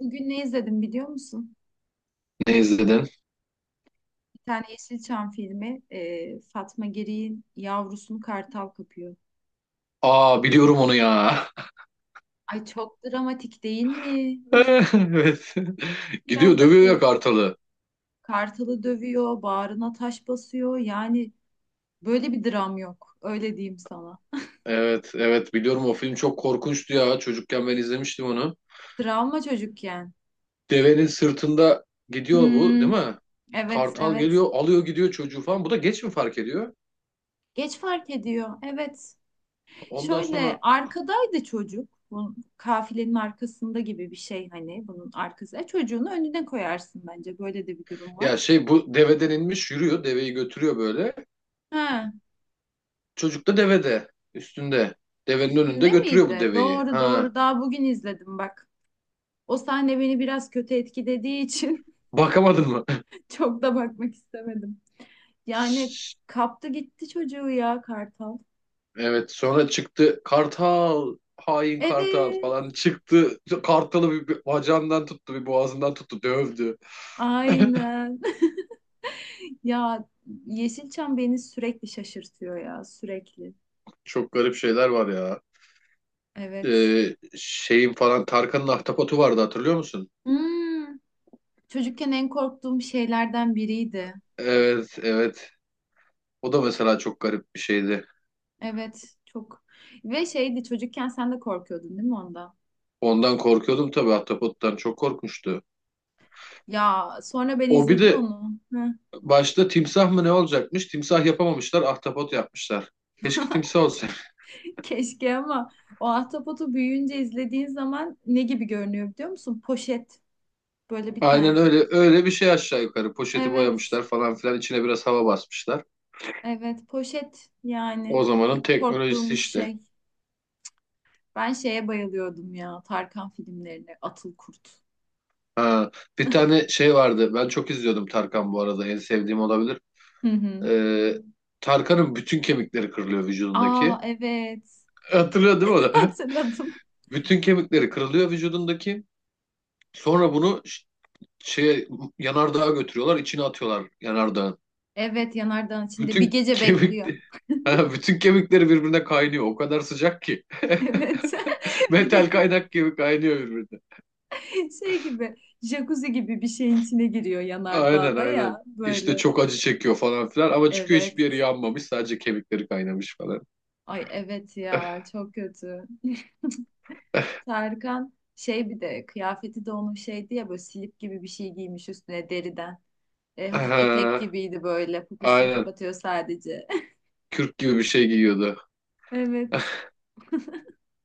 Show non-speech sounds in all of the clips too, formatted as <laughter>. Bugün ne izledim biliyor musun? Ne izledin? Bir tane Yeşilçam filmi Fatma Giri'nin yavrusunu kartal kapıyor. Aa biliyorum onu ya. <laughs> Ay çok dramatik değil mi? Evet. Gidiyor Biraz da dövüyor ya korkunç. kartalı. Kartalı dövüyor, bağrına taş basıyor. Yani böyle bir dram yok. Öyle diyeyim sana. Evet, evet, biliyorum o film çok korkunçtu ya. Çocukken ben izlemiştim onu. Travma çocukken. Devenin sırtında gidiyor bu değil Hmm, mi? evet Kartal evet. geliyor alıyor gidiyor çocuğu falan. Bu da geç mi fark ediyor? Geç fark ediyor. Evet. Ondan Şöyle sonra arkadaydı çocuk. Bu kafilenin arkasında gibi bir şey hani bunun arkası. Çocuğunu önüne koyarsın bence. Böyle de bir durum ya var. şey bu deveden inmiş yürüyor. Deveyi götürüyor böyle. Ha, Çocuk da devede üstünde. Devenin önünde üstünde götürüyor bu miydi? deveyi. Doğru Ha, doğru. Daha bugün izledim bak. O sahne beni biraz kötü etkilediği için bakamadın mı? <laughs> çok da bakmak istemedim. Yani <laughs> kaptı gitti çocuğu ya kartal. Evet, sonra çıktı Kartal hain Kartal Evet. falan çıktı. Kartalı bir bacağından tuttu bir boğazından tuttu dövdü. Aynen. <laughs> Ya Yeşilçam beni sürekli şaşırtıyor ya sürekli. Çok garip şeyler var ya. Evet. Şeyin falan Tarkan'ın ahtapotu vardı hatırlıyor musun? Hmm. Çocukken en korktuğum şeylerden biriydi. Evet, evet, o da mesela çok garip bir şeydi. Evet, çok. Ve şeydi çocukken sen de korkuyordun değil mi ondan? Ondan korkuyordum tabii ahtapottan çok korkmuştu. Ya sonra ben O bir izledim de onu. Başta timsah mı ne olacakmış? Timsah yapamamışlar ahtapot yapmışlar. Keşke timsah olsa. Keşke ama o ahtapotu büyüyünce izlediğin zaman ne gibi görünüyor biliyor musun? Poşet böyle bir Aynen tane. öyle öyle bir şey aşağı yukarı. Poşeti Evet, boyamışlar falan filan içine biraz hava basmışlar. evet poşet yani O zamanın teknolojisi korktuğumuz işte. şey. Ben şeye bayılıyordum ya Tarkan filmlerine Atıl Kurt. Ha, bir tane şey vardı. Ben çok izliyordum Tarkan bu arada. En sevdiğim olabilir. Hı hı. Ee, Tarkan'ın bütün kemikleri kırılıyor vücudundaki. Aa evet Hatırlıyor değil mi <laughs> onu? <laughs> hatırladım. Bütün kemikleri kırılıyor vücudundaki. Sonra bunu şeye yanardağa götürüyorlar. İçine atıyorlar yanardağın. Evet yanardağın içinde bir Bütün gece kemik bekliyor. <laughs> <laughs> Ha, bütün kemikleri birbirine kaynıyor. O kadar sıcak ki. <laughs> Evet. <laughs> Bir de Metal kaynak gibi kaynıyor birbirine. şey gibi jacuzzi gibi bir şeyin içine giriyor Aynen, yanardağda aynen. ya İşte böyle. çok acı çekiyor falan filan ama çıkıyor hiçbir yeri Evet. yanmamış sadece kemikleri kaynamış falan. Ay evet <laughs> ya çok kötü. <laughs> Tarkan şey bir de kıyafeti de onun şeydi ya böyle slip gibi bir şey giymiş üstüne deriden. Hafif etek Aha, gibiydi böyle poposunu aynen. kapatıyor sadece. <laughs> Kürk gibi bir şey giyiyordu. Evet.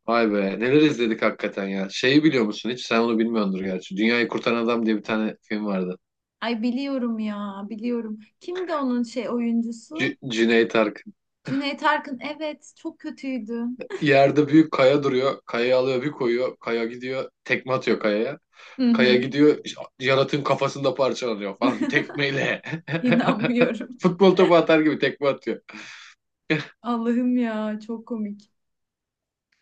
Vay be neler izledik hakikaten ya. Şeyi biliyor musun hiç? Sen onu bilmiyordur gerçi. Dünyayı Kurtaran Adam diye bir tane film vardı. Ay biliyorum ya biliyorum. Kimdi onun şey oyuncusu? Cüneyt Arkın. Cüneyt Arkın evet çok kötüydü. Yerde büyük kaya duruyor. Kayayı alıyor bir koyuyor. Kaya gidiyor. Tekme atıyor kayaya. Hı Kaya hı. gidiyor, Jonathan kafasını da parçalıyor falan tekmeyle. <laughs> İnanmıyorum. Futbol topu atar gibi tekme atıyor. Allah'ım ya çok komik.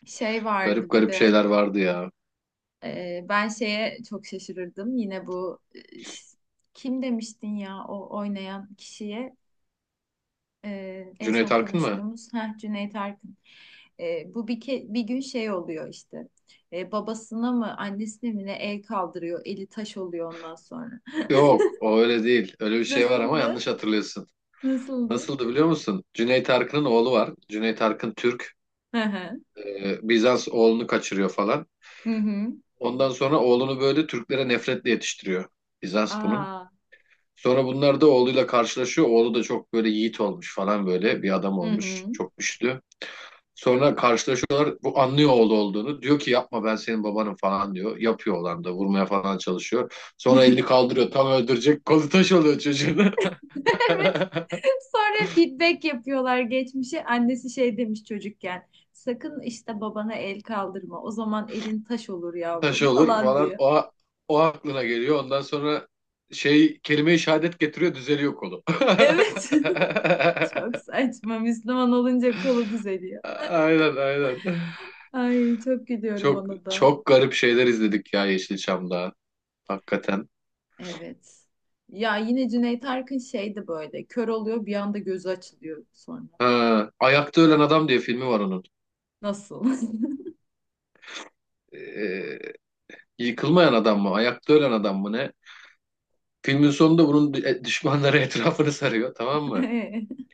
Şey Garip vardı bir garip de şeyler vardı ya. Ben şeye çok şaşırırdım. Yine bu e, ş- kim demiştin ya o oynayan kişiye en Cüneyt son Arkın mı? konuştuğumuz Cüneyt Arkın. Bu bir gün şey oluyor işte. Babasına mı annesine mi ne el kaldırıyor. Eli taş oluyor ondan sonra. Yok, o öyle değil. Öyle bir <laughs> şey var ama Nasıldı? yanlış hatırlıyorsun. Nasıldı? Nasıldı biliyor musun? Cüneyt Arkın'ın oğlu var. Cüneyt Arkın Türk. Hı hı. Bizans oğlunu kaçırıyor falan. Hı hı. Ondan sonra oğlunu böyle Türklere nefretle yetiştiriyor. Bizans bunun. Aa. Sonra bunlar da oğluyla karşılaşıyor. Oğlu da çok böyle yiğit olmuş falan böyle bir adam Hı hı. olmuş. Çok güçlü. Sonra karşılaşıyorlar. Bu anlıyor oğlu olduğunu. Diyor ki yapma ben senin babanım falan diyor. Yapıyor olan da vurmaya falan çalışıyor. Sonra elini <laughs> kaldırıyor tam öldürecek. Kolu taş oluyor çocuğun. Evet <laughs> <laughs> Sonra feedback yapıyorlar geçmişe. Annesi şey demiş çocukken. Sakın işte babana el kaldırma. O zaman elin taş olur Taş yavrum olur falan falan. diyor. O aklına geliyor. Ondan sonra şey kelime-i şehadet getiriyor düzeliyor kolu. <laughs> Evet. <laughs> Çok saçma. Müslüman olunca kolu düzeliyor. Aynen, aynen. Ay çok gülüyorum Çok ona da. çok garip şeyler izledik ya Yeşilçam'da. Hakikaten. Evet. Ya yine Cüneyt Arkın şeydi böyle. Kör oluyor bir anda gözü açılıyor sonra. Ha, Ayakta Ölen Adam diye filmi var onun. Nasıl? Ee, Yıkılmayan adam mı? Ayakta ölen adam mı ne? Filmin sonunda bunun düşmanları <laughs> etrafını sarıyor, tamam mı? <laughs>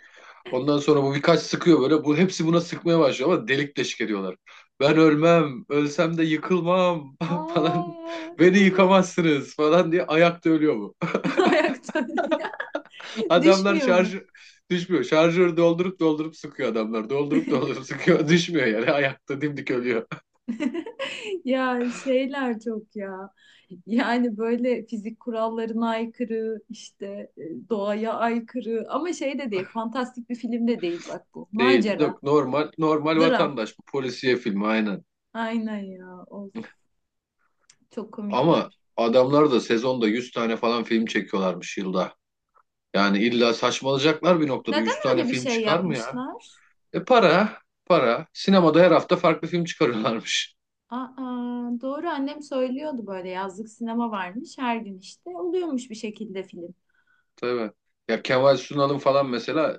Ondan sonra bu birkaç sıkıyor böyle. Bu hepsi buna sıkmaya başlıyor ama delik deşik ediyorlar. Ben ölmem, ölsem de yıkılmam <laughs> falan. Aa, Beni evet. yıkamazsınız falan diye ayakta ölüyor bu. <laughs> Ayakta. <laughs> <laughs> Adamlar Düşmüyor mu? düşmüyor. Şarjörü doldurup doldurup sıkıyor adamlar. Doldurup doldurup sıkıyor. <laughs> Düşmüyor yani ayakta dimdik ölüyor. Ya şeyler çok ya. Yani böyle fizik kurallarına aykırı, işte doğaya aykırı ama şey de değil, fantastik bir film de değil bak bu. <laughs> Değil. Macera, Yok, normal normal dram. vatandaş bu polisiye filmi aynen. Aynen ya. Of, çok Ama komikler. adamlar da sezonda 100 tane falan film çekiyorlarmış yılda. Yani illa saçmalayacaklar bir noktada. Neden 100 tane öyle bir film şey çıkar mı ya? yapmışlar? E, para, para. Sinemada her hafta farklı film çıkarıyorlarmış. Aa, doğru annem söylüyordu böyle yazlık sinema varmış her gün işte oluyormuş bir şekilde film. <laughs> Tabii. Ya Kemal Sunal'ın falan mesela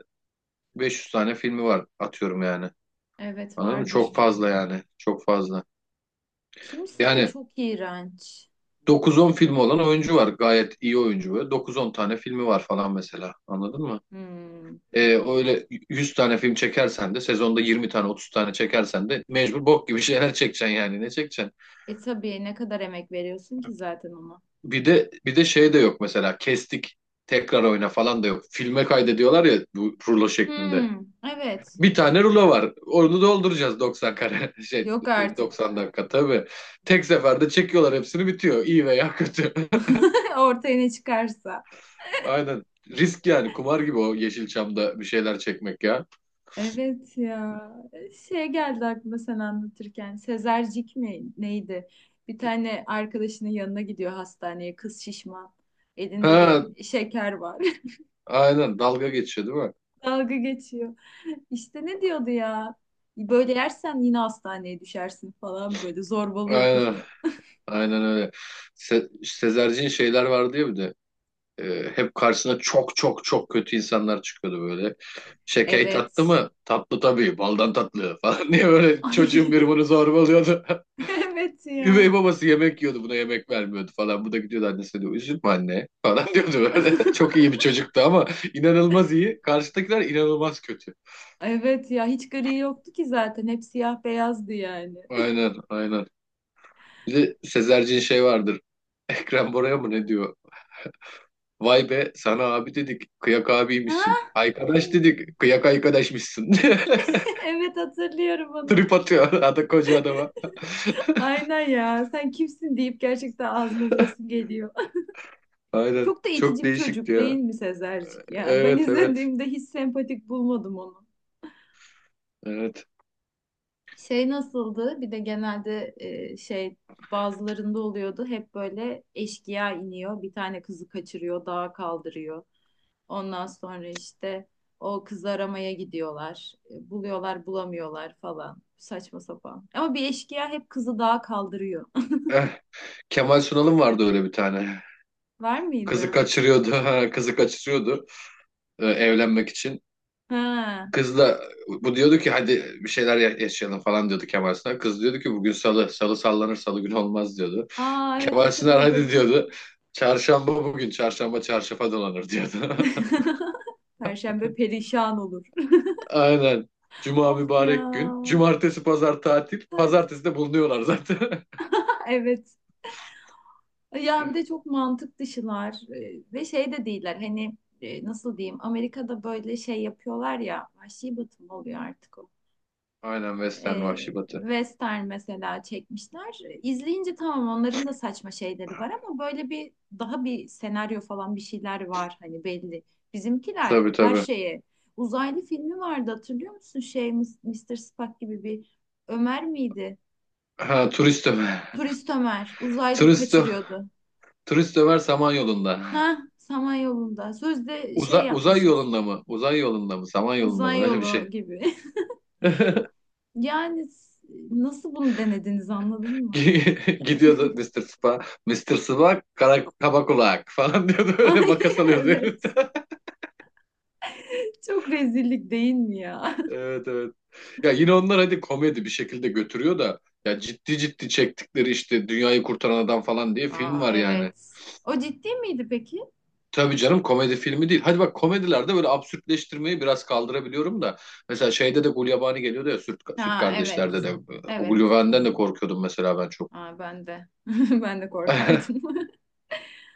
500 tane filmi var atıyorum yani. Evet Anladın mı? Çok vardır. fazla yani. Çok fazla. Kimisi de Yani çok iğrenç. dokuz on filmi olan oyuncu var. Gayet iyi oyuncu böyle. Dokuz on tane filmi var falan mesela. Anladın mı? Hmm. Ee, öyle 100 tane film çekersen de sezonda 20 tane 30 tane çekersen de mecbur bok gibi <laughs> şeyler çekeceksin yani ne çekeceksin? Tabii ne kadar emek veriyorsun ki zaten ona. Bir de şey de yok mesela kestik tekrar oyna falan da yok. Filme kaydediyorlar ya bu rulo şeklinde. Hmm, evet. Bir tane rulo var. Onu dolduracağız 90 kare <laughs> şey Yok artık. 90 dakika tabii. Tek seferde çekiyorlar hepsini bitiyor. İyi veya kötü. <laughs> Ortaya ne çıkarsa. <laughs> Aynen. Risk yani kumar gibi o Yeşilçam'da bir şeyler çekmek ya. Evet ya. Şey geldi aklıma sen anlatırken. Sezercik mi neydi? Bir tane arkadaşının yanına gidiyor hastaneye. Kız şişman. Elinde de Ha, şeker var. aynen dalga geçiyor değil mi? <laughs> Dalga geçiyor. İşte ne diyordu ya? Böyle yersen yine hastaneye düşersin falan böyle zorbalıyor Aynen. kızı. Aynen öyle. Sezerci'nin şeyler vardı ya bir de. Hep karşısına çok çok çok kötü insanlar çıkıyordu böyle. Şeker tatlı Evet. mı? Tatlı tabii. Baldan tatlı falan <laughs> diye <laughs> böyle çocuğun Ay, biri <laughs> bunu zorbalıyordu. <laughs> evet ya. Üvey babası yemek yiyordu buna yemek vermiyordu falan. Bu da gidiyordu annesine diyor üzülme anne falan <laughs> diyordu böyle. Çok iyi bir çocuktu ama inanılmaz iyi. Karşıdakiler inanılmaz kötü. Evet ya hiç gri yoktu ki zaten. Hep siyah beyazdı yani. <laughs> Aynen, aynen. Bir de Sezerci'nin şey vardır. <laughs> Ekrem Bora'ya mı ne diyor? Vay be sana abi dedik kıyak Ha abiymişsin. Arkadaş evet, dedik kıyak arkadaşmışsın. <laughs> <laughs> evet hatırlıyorum onu. Trip atıyor adam koca adama. Aynen ya. Sen kimsin deyip gerçekten ağzına burası geliyor. <laughs> <laughs> Aynen. Çok da Çok itici bir değişikti çocuk değil ya. mi Sezercik ya? Ben Evet, evet. izlediğimde hiç sempatik bulmadım onu. Evet. Şey nasıldı? Bir de genelde şey bazılarında oluyordu. Hep böyle eşkıya iniyor. Bir tane kızı kaçırıyor, dağa kaldırıyor. Ondan sonra işte o kızı aramaya gidiyorlar. Buluyorlar, bulamıyorlar falan. Saçma sapan. Ama bir eşkıya hep kızı dağa kaldırıyor. Eh, Kemal Sunal'ın vardı öyle bir tane. <laughs> Var Kızı mıydı? kaçırıyordu. <laughs> Ha, kızı kaçırıyordu evlenmek için. Ha. Kızla bu diyordu ki hadi bir şeyler yaşayalım falan diyordu Kemal Sunal. Kız diyordu ki bugün salı. Salı sallanır salı günü olmaz diyordu. Aa evet Kemal Sunal hadi hatırladım. diyordu. Çarşamba bugün, çarşamba çarşafa dolanır diyordu. <laughs> Perşembe perişan olur. <laughs> Aynen. Cuma Of ya. mübarek gün. Cumartesi pazar tatil. Hadi. <laughs> Pazartesi de bulunuyorlar zaten. <laughs> Evet. Ya bir de çok mantık dışılar ve şey de değiller. Hani nasıl diyeyim? Amerika'da böyle şey yapıyorlar ya. Vahşi batı mı oluyor artık o? Aynen Western e, Vahşi Batı. western mesela çekmişler. İzleyince tamam onların da saçma şeyleri var ama böyle bir daha bir senaryo falan bir şeyler var hani belli. Bizimkiler Tabii, her tabii. şeye. Uzaylı filmi vardı hatırlıyor musun? Şey Mister Spock gibi bir Ömer miydi? Ha, Turist Ömer. Turist Ömer uzaylı Turist, Ö- kaçırıyordu. turist Ömer Samanyolu'nda. Ha, Samanyolu'nda. Sözde şey Uzay yapmışız. yolunda mı? Uzay yolunda mı? Samanyolu'nda Uzay mı? Öyle bir yolu şey. gibi. <laughs> <laughs> Yani nasıl bunu denediniz anladın mı? Gidiyordu Mister Spa. Mister Spa kara kaba kulak falan diyordu. <laughs> <laughs> Öyle Ay makas alıyordu evet. heriften. <laughs> Çok rezillik değil mi ya? Evet, evet. Ya yine onlar hadi komedi bir şekilde götürüyor da ya ciddi ciddi çektikleri işte Dünyayı Kurtaran Adam falan diye <laughs> film Aa var yani. evet. O ciddi miydi peki? Tabii canım komedi filmi değil. Hadi bak komedilerde böyle absürtleştirmeyi biraz kaldırabiliyorum da. Mesela şeyde de Gulyabani geliyordu ya Süt Ha evet. Kardeşler'de de. O Evet. Gulyabani'den de korkuyordum mesela ben çok. Aa ben de. <laughs> Ben de korkardım. <laughs> <laughs>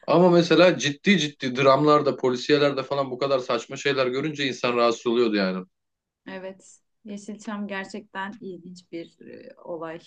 Ama mesela ciddi ciddi dramlarda, polisiyelerde falan bu kadar saçma şeyler görünce insan rahatsız oluyordu yani. Evet. Yeşilçam gerçekten ilginç bir olay.